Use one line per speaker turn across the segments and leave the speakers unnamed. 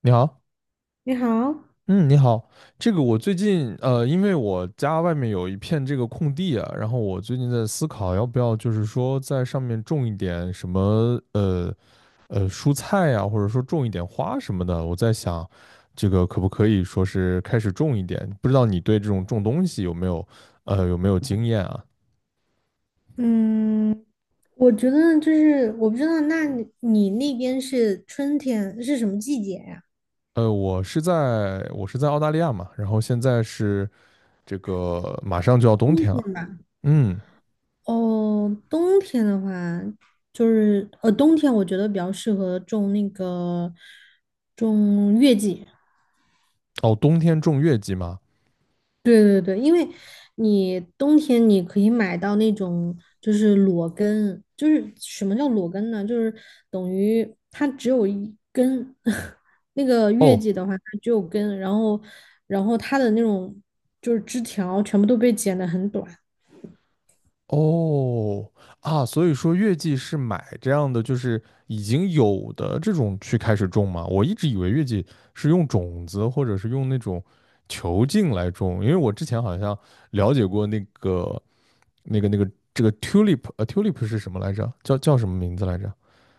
你好，
你好，
嗯，你好，这个我最近因为我家外面有一片这个空地啊，然后我最近在思考要不要就是说在上面种一点什么蔬菜呀、或者说种一点花什么的。我在想，这个可不可以说是开始种一点？不知道你对这种种东西有没有，有没有经验啊？
嗯，我觉得就是我不知道，那你那边是春天是什么季节呀？
我是在我是在澳大利亚嘛，然后现在是这个马上就要冬
冬
天
天
了。
吧？
嗯。
哦，冬天的话，就是冬天我觉得比较适合种那个种月季。
哦，冬天种月季吗？
对对对，因为你冬天可以买到那种就是裸根，就是什么叫裸根呢？就是等于它只有一根，那个月
哦。
季的话它只有根，然后它的那种就是枝条全部都被剪得很短。
哦，啊，所以说月季是买这样的，就是已经有的这种去开始种吗？我一直以为月季是用种子或者是用那种球茎来种，因为我之前好像了解过那个这个 tulip，tulip 是什么来着？叫什么名字来着？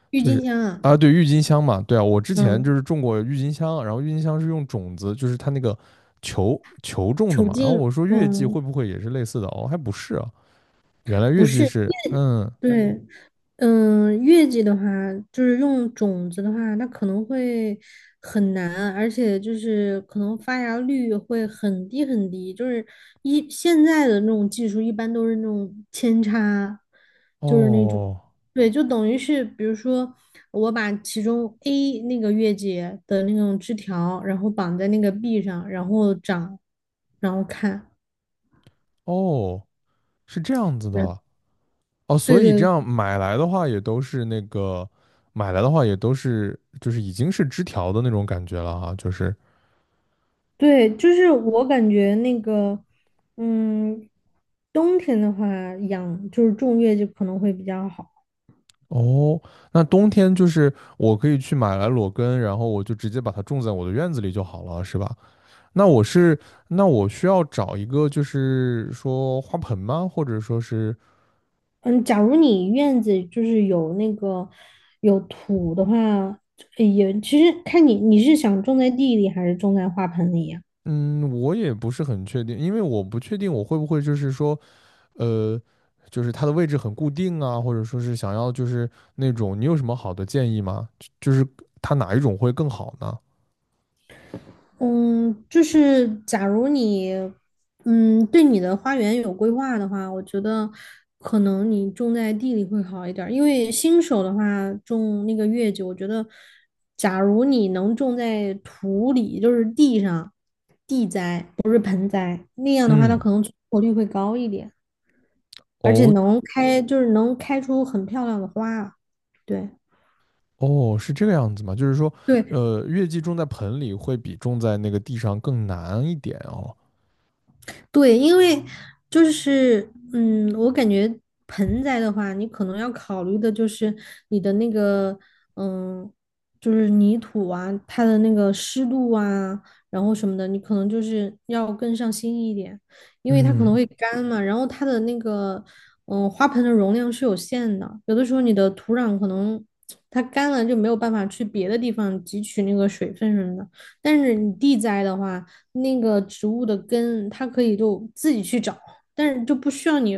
郁
就
金
是
香啊，
啊，对，郁金香嘛，对啊，我之前就
嗯，
是种过郁金香，然后郁金香是用种子，就是它那个球种的
球
嘛，然后
茎，
我说月季
嗯，
会不会也是类似的？哦，还不是啊。原来
不
月季
是，因
是，
为
嗯。
对，月季的话，就是用种子的话，它可能会很难，而且就是可能发芽率会很低很低。就是现在的那种技术，一般都是那种扦插，就是那种，
哦。
对，就等于是，比如说我把其中 A 那个月季的那种枝条，然后绑在那个 B 上，然后长，然后看。
哦，是这样子的。哦，
对
所以这
对对
样买来的话也都是那个，买来的话也都是，就是已经是枝条的那种感觉了哈。就是，
对，就是我感觉那个，嗯，冬天的话养就是种月季可能会比较好。
哦，那冬天就是我可以去买来裸根，然后我就直接把它种在我的院子里就好了，是吧？那我是，那我需要找一个就是说花盆吗？或者说是，
嗯，假如你院子就是有那个有土的话，也其实看你是想种在地里还是种在花盆里呀？
嗯，我也不是很确定，因为我不确定我会不会就是说。呃，就是它的位置很固定啊，或者说是想要就是那种，你有什么好的建议吗？就是它哪一种会更好呢？
嗯，就是假如你，对你的花园有规划的话，我觉得可能你种在地里会好一点儿。因为新手的话，种那个月季，我觉得，假如你能种在土里，就是地上，地栽，不是盆栽，那样的话，它
嗯。
可能存活率会高一点，而且
哦，
能开，就是能开出很漂亮的花。对。
哦，是这个样子吗？就是说，
对，
呃，月季种在盆里会比种在那个地上更难一点哦。
对，因为就是我感觉盆栽的话，你可能要考虑的就是你的那个嗯，就是泥土啊，它的那个湿度啊，然后什么的，你可能就是要更上心一点，因为它可能
嗯。
会干嘛，然后它的那个花盆的容量是有限的，有的时候你的土壤可能它干了就没有办法去别的地方汲取那个水分什么的，但是你地栽的话。那个植物的根，它可以就自己去找，但是就不需要你，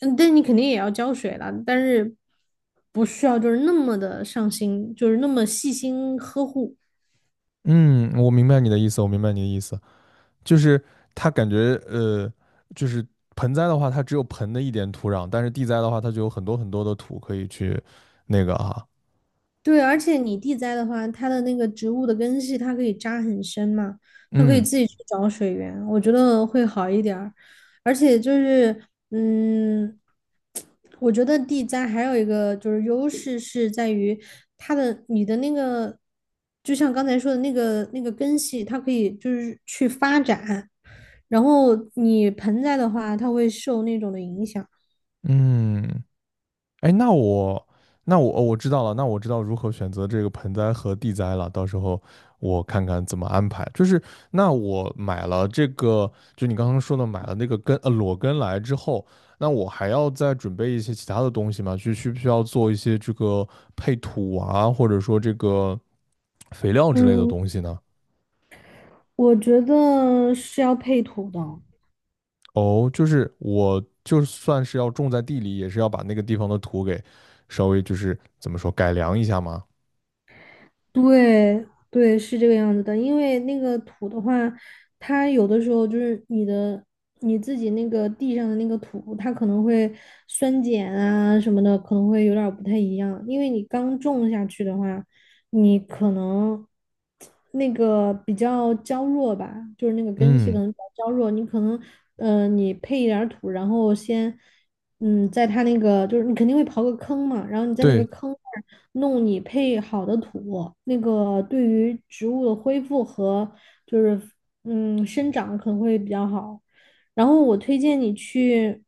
但你肯定也要浇水了，但是不需要就是那么的上心，就是那么细心呵护。
嗯，我明白你的意思，我明白你的意思，就是它感觉就是盆栽的话，它只有盆的一点土壤，但是地栽的话，它就有很多很多的土可以去那个哈、
对，而且你地栽的话，它的那个植物的根系它可以扎很深嘛，它可以
嗯。
自己去找水源，我觉得会好一点儿。而且就是，嗯，我觉得地栽还有一个就是优势是在于它的你的那个，就像刚才说的那个根系，它可以就是去发展，然后你盆栽的话，它会受那种的影响。
嗯。哎，那我那我哦我知道了，那我知道如何选择这个盆栽和地栽了。到时候我看看怎么安排。就是那我买了这个，就你刚刚说的买了那个根裸根来之后，那我还要再准备一些其他的东西吗？就需不需要做一些这个配土啊，或者说这个肥料之类的
嗯，
东西呢？
我觉得是要配土的。
哦，就是我就算是要种在地里，也是要把那个地方的土给稍微就是怎么说改良一下吗？
对对，是这个样子的，因为那个土的话，它有的时候就是你自己那个地上的那个土，它可能会酸碱啊什么的，可能会有点儿不太一样。因为你刚种下去的话，你可能那个比较娇弱吧，就是那个根系可
嗯，
能比较娇弱，你可能你配一点儿土，然后先。在它那个就是你肯定会刨个坑嘛，然后你在那个
对。
坑那儿弄你配好的土，那个对于植物的恢复和就是生长可能会比较好。然后我推荐你去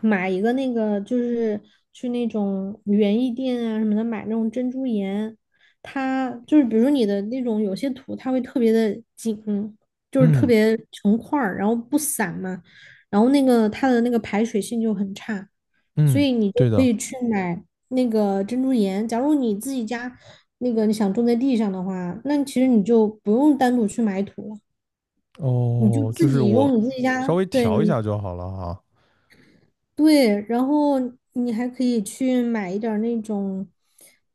买一个那个就是去那种园艺店啊什么的买那种珍珠岩，它就是比如说你的那种有些土它会特别的紧，就是特
嗯。
别成块儿，然后不散嘛。然后那个它的那个排水性就很差，所
嗯，
以你就
对
可
的。
以去买那个珍珠岩。假如你自己家那个你想种在地上的话，那其实你就不用单独去买土了，你就
哦，就
自
是
己
我
用你自己
稍
家，
微
对
调一下就好了哈。
对，然后你还可以去买一点儿那种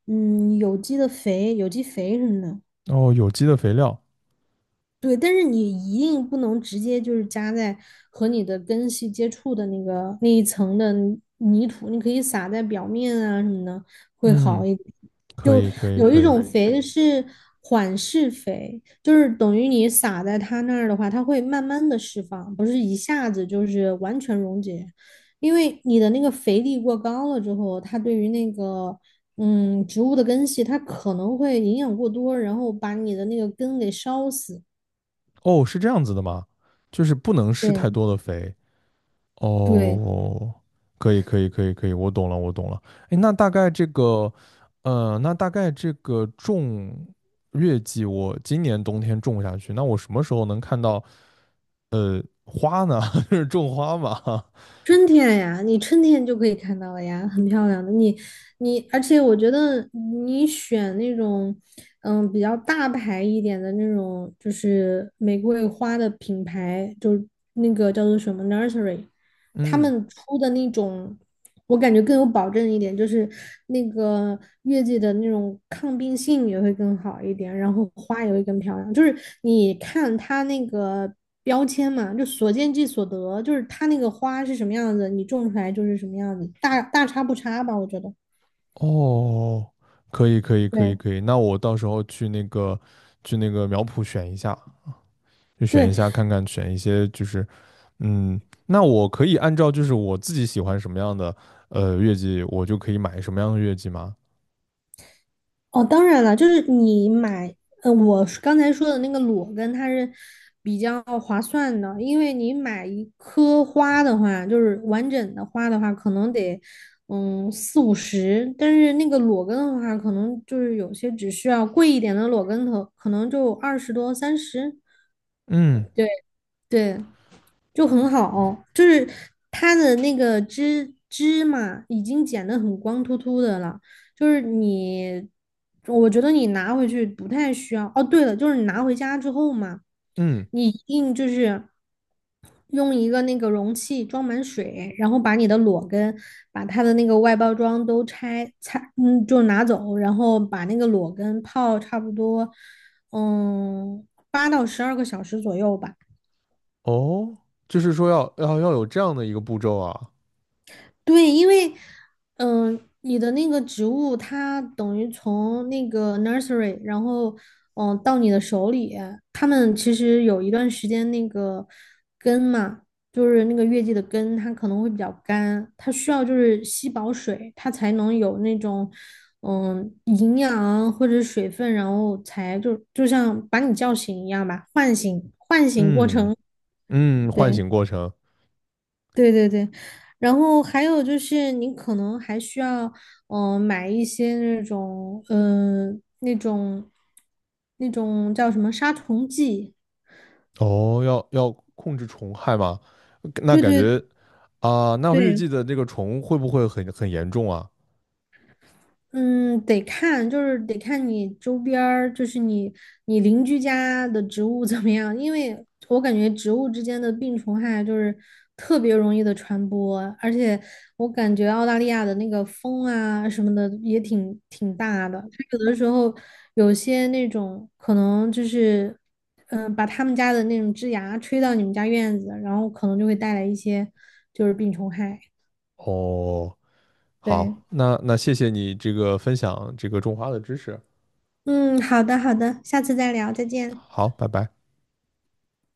有机的肥、有机肥什么的。
哦，有机的肥料，
对，但是你一定不能直接就是加在和你的根系接触的那个那一层的泥土，你可以撒在表面啊什么的，会
嗯，
好一点。
可
就
以可以
有一
可以。
种肥是缓释肥，就是等于你撒在它那儿的话，它会慢慢的释放，不是一下子就是完全溶解，因为你的那个肥力过高了之后，它对于那个。植物的根系它可能会营养过多，然后把你的那个根给烧死。
哦，是这样子的吗？就是不能施太
对
多的肥。
对，
哦，可以可以可以可以，我懂了我懂了。哎，那大概这个，呃，那大概这个种月季，我今年冬天种下去，那我什么时候能看到花呢？就是种花嘛。
春天呀，你春天就可以看到了呀，很漂亮的。而且我觉得你选那种，比较大牌一点的那种，就是玫瑰花的品牌，就是那个叫做什么 Nursery，他
嗯。
们出的那种，我感觉更有保证一点，就是那个月季的那种抗病性也会更好一点，然后花也会更漂亮。就是你看它那个标签嘛，就所见即所得，就是它那个花是什么样子，你种出来就是什么样子，大差不差吧，我觉得。
哦，可以可以可以
对
可以，那我到时候去那个去那个苗圃选一下，就选
对
一下看看，选一些就是，嗯，那我可以按照就是我自己喜欢什么样的呃月季，我就可以买什么样的月季吗？
哦，当然了，就是你买，我是刚才说的那个裸根，它是比较划算的，因为你买一颗花的话，就是完整的花的话，可能得四五十，但是那个裸根的话，可能就是有些只需要贵一点的裸根头，可能就二十多三十。
嗯。
对对，就很好，就是它的那个芝嘛，已经剪得很光秃秃的了，就是你，我觉得你拿回去不太需要。哦，对了，就是你拿回家之后嘛，
嗯，
你一定就是用一个那个容器装满水，然后把你的裸根，把它的那个外包装都拆拆，就拿走，然后把那个裸根泡差不多，嗯，8到12个小时左右吧。
哦，就是说要要要有这样的一个步骤啊，
对，因为，你的那个植物它等于从那个 nursery，然后，到你的手里，他们其实有一段时间那个根嘛，就是那个月季的根，它可能会比较干，它需要就是吸饱水，它才能有那种，营养或者水分，然后才就像把你叫醒一样吧，唤醒过
嗯。
程，
嗯，唤
对。
醒过程。
对对对，然后还有就是你可能还需要，买一些那种，那种，那种叫什么杀虫剂？
哦，要要控制虫害吗？那
对
感
对
觉啊，那月
对，
季的这个虫会不会很很严重啊？
嗯，得看，就是得看你周边儿，就是你邻居家的植物怎么样，因为我感觉植物之间的病虫害就是特别容易的传播，而且我感觉澳大利亚的那个风啊什么的也挺大的，它有的时候有些那种可能就是，把他们家的那种枝芽吹到你们家院子，然后可能就会带来一些就是病虫害。
哦，
对，
好，那那谢谢你这个分享这个种花的知识，
嗯，好的好的，下次再聊，再见。
好，拜拜。